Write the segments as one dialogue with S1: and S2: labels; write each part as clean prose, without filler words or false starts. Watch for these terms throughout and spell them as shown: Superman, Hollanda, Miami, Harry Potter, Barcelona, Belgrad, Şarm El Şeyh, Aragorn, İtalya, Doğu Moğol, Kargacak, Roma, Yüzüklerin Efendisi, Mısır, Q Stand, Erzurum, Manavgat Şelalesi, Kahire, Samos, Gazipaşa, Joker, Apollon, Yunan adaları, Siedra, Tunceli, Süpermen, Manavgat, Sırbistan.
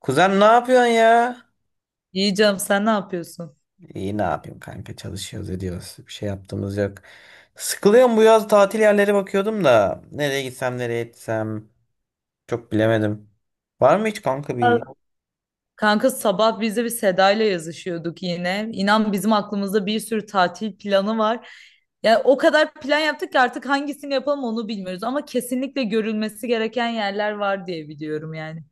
S1: Kuzen ne yapıyorsun ya?
S2: İyi canım sen ne yapıyorsun?
S1: İyi ne yapayım kanka çalışıyoruz ediyoruz. Bir şey yaptığımız yok. Sıkılıyorum bu yaz tatil yerleri bakıyordum da. Nereye gitsem nereye etsem çok bilemedim. Var mı hiç kanka
S2: Al-
S1: bir?
S2: Kanka sabah biz de bir Seda ile yazışıyorduk yine. İnan bizim aklımızda bir sürü tatil planı var. Yani o kadar plan yaptık ki artık hangisini yapalım onu bilmiyoruz. Ama kesinlikle görülmesi gereken yerler var diye biliyorum yani.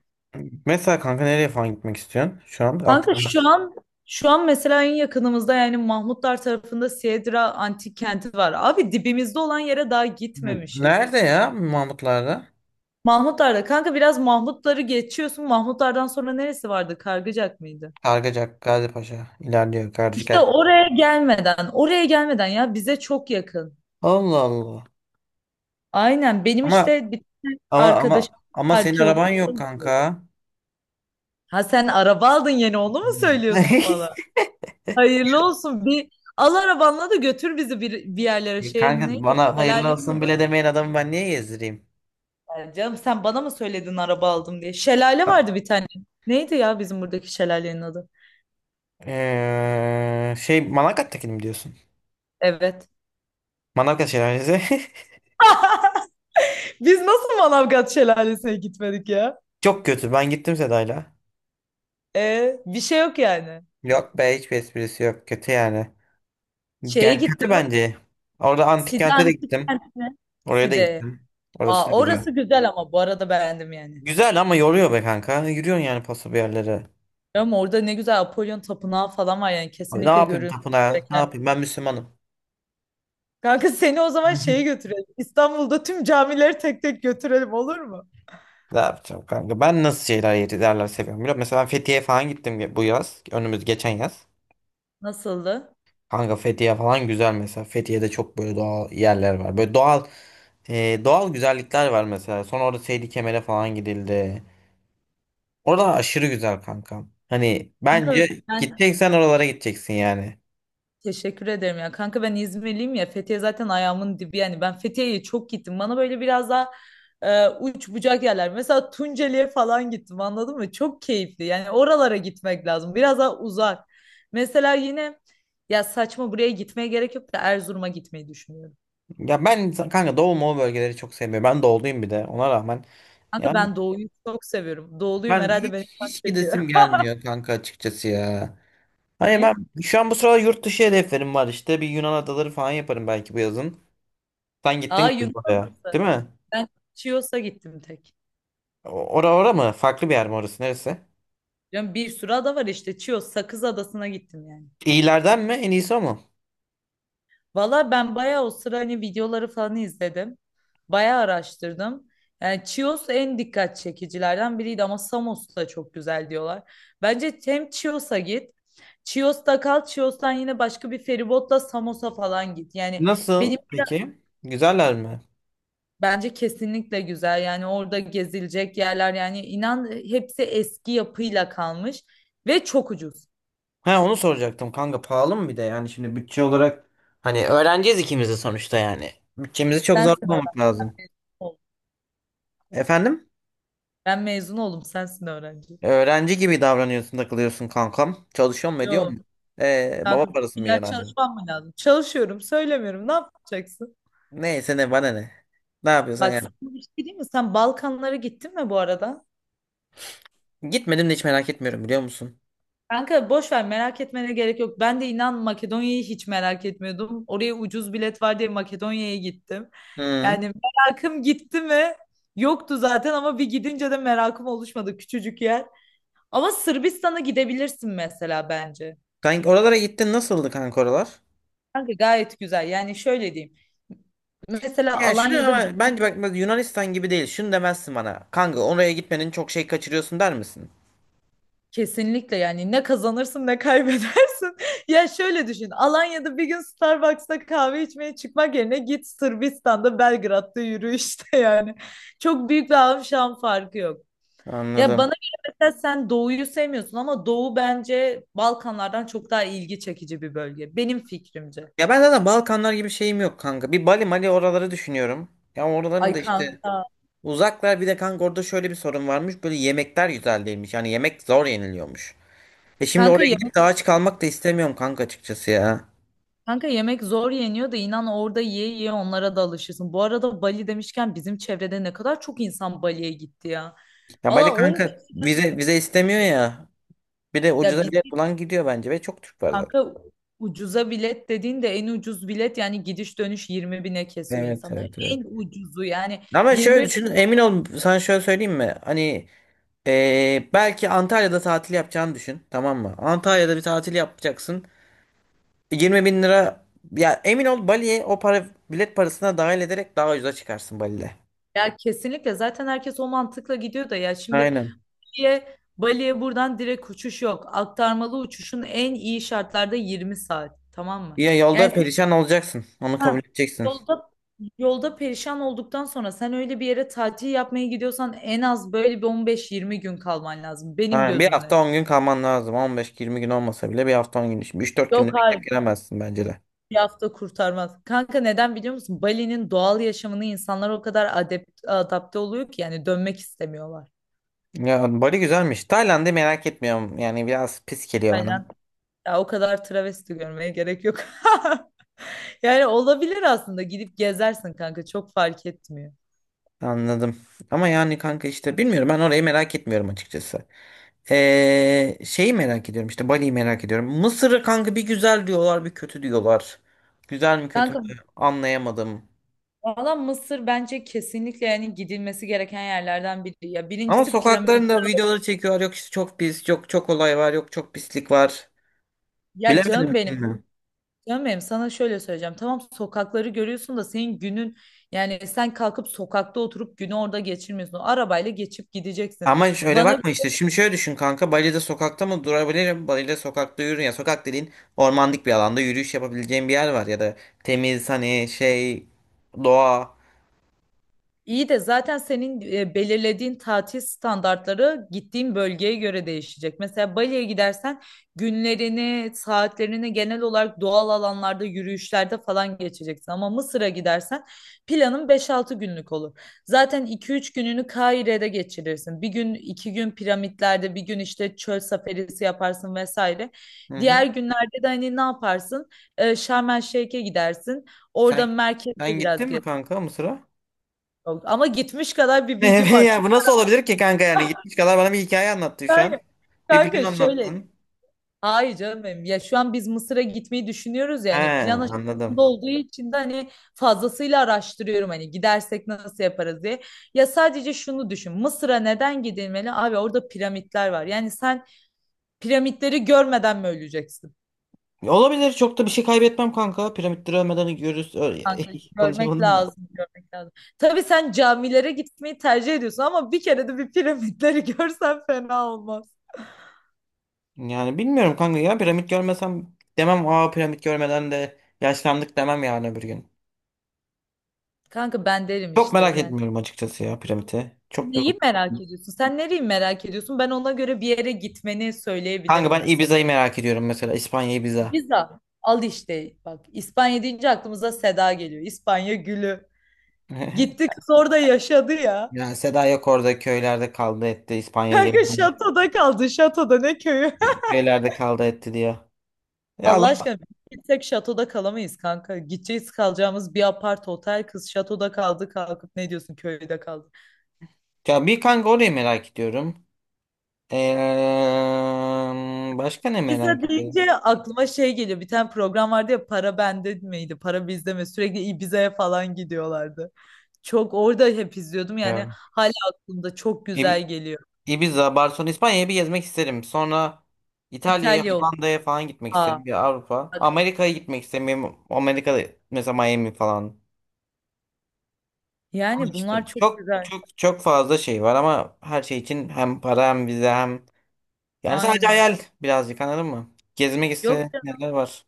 S1: Mesela kanka nereye falan gitmek istiyorsun şu an?
S2: Kanka
S1: Aklımda.
S2: şu an şu an mesela en yakınımızda yani Mahmutlar tarafında Siedra antik kenti var. Abi dibimizde olan yere daha gitmemişiz.
S1: Nerede ya Mahmutlar'da?
S2: Mahmutlar'da kanka biraz Mahmutları geçiyorsun. Mahmutlar'dan sonra neresi vardı? Kargıcak mıydı?
S1: Kargacak, Gazipaşa. İlerliyor
S2: İşte
S1: Kargacak.
S2: oraya gelmeden, oraya gelmeden ya bize çok yakın.
S1: Allah Allah.
S2: Aynen benim
S1: Ama
S2: işte bir tane
S1: ama ama
S2: arkadaşım
S1: ama senin
S2: arkeolog.
S1: araban yok kanka.
S2: Ha sen araba aldın yeni onu mu
S1: Hmm.
S2: söylüyorsun bana? Hayırlı olsun, bir al arabanla da götür bizi bir yerlere, şey
S1: Kanka
S2: neydi
S1: bana hayırlı
S2: şelalenin
S1: olsun
S2: adı
S1: bile
S2: mı?
S1: demeyen adamı ben niye gezdireyim?
S2: Yani canım sen bana mı söyledin araba aldım diye. Şelale vardı bir tane. Neydi ya bizim buradaki şelalenin adı?
S1: Şey Manavgat'takini mi diyorsun?
S2: Evet.
S1: Manavgat Şelalesi.
S2: Biz nasıl Manavgat şelalesine gitmedik ya?
S1: Çok kötü. Ben gittim Seda'yla.
S2: E, bir şey yok yani.
S1: Yok be hiçbir esprisi yok. Kötü yani.
S2: Şeye
S1: Yani kötü
S2: gittim,
S1: bence. Orada antik
S2: Side
S1: kente de
S2: antik
S1: gittim.
S2: kent mi?
S1: Oraya da
S2: Side.
S1: gittim. Orası
S2: Aa,
S1: da güzel.
S2: orası güzel ama bu arada beğendim yani.
S1: Güzel ama yoruyor be kanka. Yürüyorsun yani paso bir yerlere.
S2: Ama orada ne güzel Apollon tapınağı falan var, yani
S1: Abi ne
S2: kesinlikle
S1: yapayım
S2: görülmesi
S1: tapınağa? Ne
S2: gereken.
S1: yapayım? Ben Müslümanım.
S2: Kanka seni o zaman şeye götürelim. İstanbul'da tüm camileri tek tek götürelim, olur mu?
S1: Ne yapacağım kanka? Ben nasıl şeyler yerler seviyorum biliyor musun? Mesela ben Fethiye falan gittim bu yaz. Önümüz geçen yaz.
S2: Nasıldı?
S1: Kanka Fethiye falan güzel mesela. Fethiye'de çok böyle doğal yerler var. Böyle doğal güzellikler var mesela. Sonra orada Seydi Kemer'e falan gidildi. Orada aşırı güzel kanka. Hani
S2: Kanka
S1: bence
S2: ben
S1: gideceksen oralara gideceksin yani.
S2: Teşekkür ederim ya. Kanka ben İzmirliyim ya. Fethiye zaten ayağımın dibi yani. Ben Fethiye'ye çok gittim. Bana böyle biraz daha uç bucak yerler. Mesela Tunceli'ye falan gittim, anladın mı? Çok keyifli. Yani oralara gitmek lazım. Biraz daha uzak. Mesela yine, ya saçma, buraya gitmeye gerek yok da Erzurum'a gitmeyi düşünüyorum.
S1: Ya ben kanka Doğu Moğol bölgeleri çok sevmiyorum. Ben doğuluyum bir de ona rağmen.
S2: Kanka
S1: Yani
S2: ben doğuyu çok seviyorum. Doğuluyum
S1: ben
S2: herhalde, beni
S1: hiç
S2: çok
S1: hiç
S2: çekiyor.
S1: gidesim gelmiyor kanka açıkçası ya. Hani ben
S2: Niye?
S1: şu an bu sırada yurt dışı hedeflerim var işte. Bir Yunan adaları falan yaparım belki bu yazın. Sen gittin
S2: Aa, Yunan
S1: galiba oraya,
S2: Adası.
S1: değil mi?
S2: Ben Chios'a gittim tek.
S1: O- ora mı? Farklı bir yer mi orası? Neresi?
S2: Yani bir sürü ada var işte. Chios, Sakız Adası'na gittim yani.
S1: İyilerden mi? En iyisi o mu?
S2: Valla ben bayağı o sıra hani videoları falan izledim. Bayağı araştırdım. Yani Chios en dikkat çekicilerden biriydi ama Samos da çok güzel diyorlar. Bence hem Chios'a git. Chios'ta kal. Chios'tan yine başka bir feribotla Samos'a falan git. Yani benim
S1: Nasıl peki? Güzeller mi?
S2: bence kesinlikle güzel. Yani orada gezilecek yerler, yani inan hepsi eski yapıyla kalmış ve çok ucuz.
S1: Ha onu soracaktım kanka pahalı mı bir de yani şimdi bütçe olarak hani öğreneceğiz ikimiz de sonuçta yani. Bütçemizi çok
S2: Sensin
S1: zorlamamak
S2: öğrenci. Ben
S1: lazım.
S2: mezun oldum.
S1: Efendim?
S2: Sen mezun oldum. Sensin öğrenci.
S1: Öğrenci gibi davranıyorsun takılıyorsun kankam. Çalışıyor mu ediyor
S2: Yo.
S1: mu? Baba
S2: Kanka
S1: parası mı
S2: illa
S1: yiyorsun hala?
S2: çalışmam mı lazım? Çalışıyorum, söylemiyorum. Ne yapacaksın?
S1: Neyse ne bana ne. Ne yapıyorsan
S2: Bak
S1: yani.
S2: sana bir şey diyeyim mi? Sen Balkanlara gittin mi bu arada?
S1: Gitmedim de hiç merak etmiyorum biliyor musun?
S2: Kanka boş ver, merak etmene gerek yok. Ben de inan Makedonya'yı hiç merak etmiyordum. Oraya ucuz bilet var diye Makedonya'ya gittim.
S1: Hı.
S2: Yani merakım gitti mi? Yoktu zaten ama bir gidince de merakım oluşmadı, küçücük yer. Ama Sırbistan'a gidebilirsin mesela bence.
S1: Kanka oralara gittin nasıldı kanka oralar?
S2: Kanka gayet güzel. Yani şöyle diyeyim. Mesela
S1: Yani şunu
S2: Alanya'da
S1: ama bence bak bak Yunanistan gibi değil. Şunu demezsin bana. Kanka oraya gitmenin çok şey kaçırıyorsun der misin?
S2: kesinlikle, yani ne kazanırsın ne kaybedersin. Ya şöyle düşün. Alanya'da bir gün Starbucks'ta kahve içmeye çıkmak yerine git Sırbistan'da Belgrad'da yürü işte yani. Çok büyük bir alım farkı yok. Ya bana
S1: Anladım.
S2: göre mesela sen Doğu'yu sevmiyorsun ama Doğu bence Balkanlardan çok daha ilgi çekici bir bölge. Benim fikrimce.
S1: Ya ben zaten Balkanlar gibi şeyim yok kanka. Bir Bali Mali oraları düşünüyorum. Ya oraların
S2: Ay
S1: da işte
S2: kanka.
S1: uzaklar bir de kanka orada şöyle bir sorun varmış. Böyle yemekler güzel değilmiş. Yani yemek zor yeniliyormuş. E şimdi
S2: Kanka
S1: oraya gidip de aç kalmak da istemiyorum kanka açıkçası ya.
S2: Kanka yemek zor yeniyor da inan orada yiye yiye onlara da alışırsın. Bu arada Bali demişken bizim çevrede ne kadar çok insan Bali'ye gitti ya.
S1: Ya Bali
S2: Valla on
S1: kanka
S2: kişi
S1: vize istemiyor ya. Bir de
S2: ya
S1: ucuza bilet
S2: vize,
S1: bulan gidiyor bence ve çok Türk var zaten.
S2: kanka ucuza bilet dediğin de en ucuz bilet yani gidiş dönüş 20 bine kesiyor
S1: Evet
S2: insanlar.
S1: evet evet.
S2: En ucuzu yani
S1: Ama şöyle
S2: 20
S1: düşün, emin ol sana şöyle söyleyeyim mi? Hani belki Antalya'da tatil yapacağını düşün, tamam mı? Antalya'da bir tatil yapacaksın. 20 bin lira ya emin ol Bali'ye o para bilet parasına dahil ederek daha ucuza çıkarsın Bali'de.
S2: ya kesinlikle zaten herkes o mantıkla gidiyor da ya şimdi
S1: Aynen.
S2: diye Bali'ye buradan direkt uçuş yok. Aktarmalı uçuşun en iyi şartlarda 20 saat, tamam mı?
S1: Ya
S2: Yani
S1: yolda
S2: sen,
S1: perişan olacaksın. Onu kabul
S2: ha,
S1: edeceksin.
S2: yolda Yolda perişan olduktan sonra sen öyle bir yere tatil yapmaya gidiyorsan en az böyle bir 15-20 gün kalman lazım benim
S1: Aynen. Bir
S2: gözümde.
S1: hafta 10 gün lazım. 15-20 gün olmasa bile bir hafta 10 gün. Şimdi üç dört
S2: Yok,
S1: günde
S2: hayır,
S1: bekleyip giremezsin bence de.
S2: bir hafta kurtarmaz. Kanka neden biliyor musun? Bali'nin doğal yaşamını insanlar o kadar adapte oluyor ki yani dönmek istemiyorlar.
S1: Ya Bali güzelmiş. Tayland'ı merak etmiyorum. Yani biraz pis geliyor bana.
S2: Aynen. Ya o kadar travesti görmeye gerek yok. Yani olabilir aslında, gidip gezersin kanka, çok fark etmiyor.
S1: Anladım. Ama yani kanka işte bilmiyorum ben orayı merak etmiyorum açıkçası. Şeyi merak ediyorum işte Bali'yi merak ediyorum. Mısır'ı kanka bir güzel diyorlar bir kötü diyorlar. Güzel mi kötü mü
S2: Kanka
S1: anlayamadım.
S2: valla Mısır bence kesinlikle yani gidilmesi gereken yerlerden biri. Ya
S1: Ama
S2: birincisi piramit.
S1: sokaklarında videoları çekiyorlar yok işte çok pis yok çok olay var yok çok pislik var.
S2: Ya
S1: Bilemedim
S2: canım benim
S1: şimdi.
S2: Canım benim sana şöyle söyleyeceğim. Tamam sokakları görüyorsun da senin günün, yani sen kalkıp sokakta oturup günü orada geçirmiyorsun. Arabayla geçip gideceksin.
S1: Ama şöyle
S2: Bana
S1: bakma işte şimdi şöyle düşün kanka Bali'de sokakta mı durabilirim? Bali'de sokakta yürü ya sokak dediğin ormanlık bir alanda yürüyüş yapabileceğin bir yer var ya da temiz hani şey doğa.
S2: İyi de, zaten senin belirlediğin tatil standartları gittiğin bölgeye göre değişecek. Mesela Bali'ye gidersen günlerini, saatlerini genel olarak doğal alanlarda, yürüyüşlerde falan geçeceksin. Ama Mısır'a gidersen planın 5-6 günlük olur. Zaten 2-3 gününü Kahire'de geçirirsin. Bir gün, iki gün piramitlerde, bir gün işte çöl safarisi yaparsın vesaire.
S1: Hı
S2: Diğer
S1: hı.
S2: günlerde de hani ne yaparsın? Şarm El Şeyh'e gidersin. Orada
S1: Sen sen
S2: merkezde biraz.
S1: gittin mi kanka Mısır'a?
S2: Yok, ama gitmiş kadar bir
S1: Ne
S2: bilgim var.
S1: ya
S2: Çok
S1: bu nasıl olabilir ki kanka yani gitmiş kadar bana bir hikaye anlattı şu an.
S2: kanka,
S1: Bir plan
S2: kanka şöyle.
S1: anlattın.
S2: Hayır canım benim. Ya şu an biz Mısır'a gitmeyi düşünüyoruz ya,
S1: He,
S2: hani plan aşamasında
S1: anladım.
S2: olduğu için de hani fazlasıyla araştırıyorum, hani gidersek nasıl yaparız diye. Ya sadece şunu düşün. Mısır'a neden gidilmeli? Abi orada piramitler var. Yani sen piramitleri görmeden mi öleceksin?
S1: Olabilir çok da bir şey kaybetmem kanka. Piramitleri ölmeden görürüz.
S2: Kanka görmek
S1: Konuşamadım da.
S2: lazım, görmek lazım. Tabii sen camilere gitmeyi tercih ediyorsun ama bir kere de bir piramitleri görsen fena olmaz.
S1: Yani bilmiyorum kanka ya piramit görmesem demem aa piramit görmeden de yaşlandık demem yani öbür gün.
S2: Kanka ben derim
S1: Çok
S2: işte
S1: merak
S2: yani.
S1: etmiyorum açıkçası ya piramiti. Çok
S2: Neyi
S1: yoruldum.
S2: merak ediyorsun? Sen nereyi merak ediyorsun? Ben ona göre bir yere gitmeni
S1: Kanka
S2: söyleyebilirim
S1: ben
S2: mesela.
S1: Ibiza'yı merak ediyorum mesela İspanya Ibiza.
S2: Pizza. Al işte bak, İspanya deyince aklımıza Seda geliyor. İspanya gülü. Gitti kız orada yaşadı ya.
S1: Yani Seda yok orada köylerde kaldı etti İspanya'ya
S2: Kanka
S1: geldi.
S2: şatoda kaldı. Şatoda ne köyü?
S1: Şeylerde kaldı etti diye. Ya
S2: Allah
S1: Allah.
S2: aşkına bir tek şatoda kalamayız kanka. Gideceğiz kalacağımız bir apart otel, kız şatoda kaldı, kalkıp ne diyorsun köyde kaldı.
S1: Ya bir kanka orayı merak ediyorum. Başka ne
S2: Ibiza
S1: merak ediyorum?
S2: deyince aklıma şey geliyor. Bir tane program vardı ya, para bende miydi? Para bizde mi? Sürekli Ibiza'ya falan gidiyorlardı. Çok orada hep izliyordum yani,
S1: Ya.
S2: hala aklımda, çok
S1: İb-
S2: güzel geliyor.
S1: Ibiza, Barcelona, İspanya'yı bir gezmek isterim. Sonra İtalya'ya,
S2: İtalya olur.
S1: Hollanda'ya falan gitmek
S2: Aa,
S1: isterim. Bir Avrupa.
S2: bak.
S1: Amerika'ya gitmek istemiyorum. Amerika'da mesela Miami falan. Ama
S2: Yani
S1: işte
S2: bunlar çok
S1: çok
S2: güzel.
S1: çok çok fazla şey var ama her şey için hem para hem vize hem yani sadece
S2: Aynen.
S1: hayal birazcık anladın mı? Gezmek
S2: Yok
S1: istediğim
S2: ya,
S1: yerler var.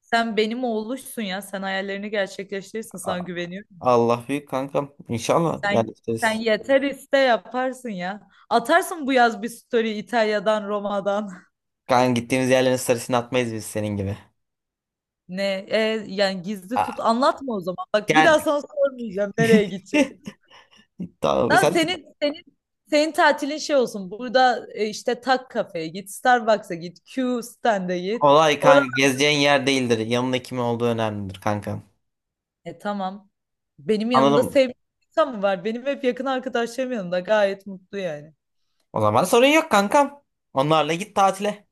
S2: sen benim oğluşsun ya. Sen hayallerini gerçekleştirirsin, sana güveniyorum.
S1: Allah büyük kankam. İnşallah
S2: Sen
S1: yerleşiriz.
S2: yeter, iste yaparsın ya. Atarsın bu yaz bir story İtalya'dan, Roma'dan.
S1: Kanka gittiğimiz yerlerin sarısını atmayız biz senin gibi.
S2: Ne? E, yani gizli tut.
S1: Aa,
S2: Anlatma o zaman. Bak bir
S1: yani
S2: daha sana sormayacağım nereye gideceğim.
S1: tamam,
S2: Tamam,
S1: sen
S2: senin tatilin şey olsun. Burada işte Tak kafeye git, Starbucks'a git, Q Stand'a git.
S1: olay
S2: Orada,
S1: kanka gezeceğin yer değildir. Yanında kim olduğu önemlidir kankam.
S2: tamam. Benim yanımda
S1: Anladım mı?
S2: sevdiğim insan mı var? Benim hep yakın arkadaşlarım yanımda, gayet mutlu yani.
S1: O zaman sorun yok kankam. Onlarla git tatile.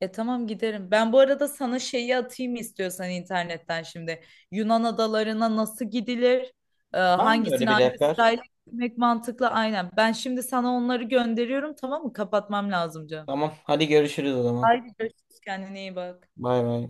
S2: E tamam, giderim. Ben bu arada sana şeyi atayım istiyorsan internetten şimdi. Yunan adalarına nasıl gidilir? E,
S1: Var mı öyle
S2: hangisini
S1: bir
S2: hangi
S1: rehber?
S2: sırayla gitmek mantıklı? Aynen. Ben şimdi sana onları gönderiyorum, tamam mı? Kapatmam lazım canım.
S1: Tamam hadi görüşürüz o zaman.
S2: Haydi görüşürüz. Kendine iyi bak.
S1: Bay bay.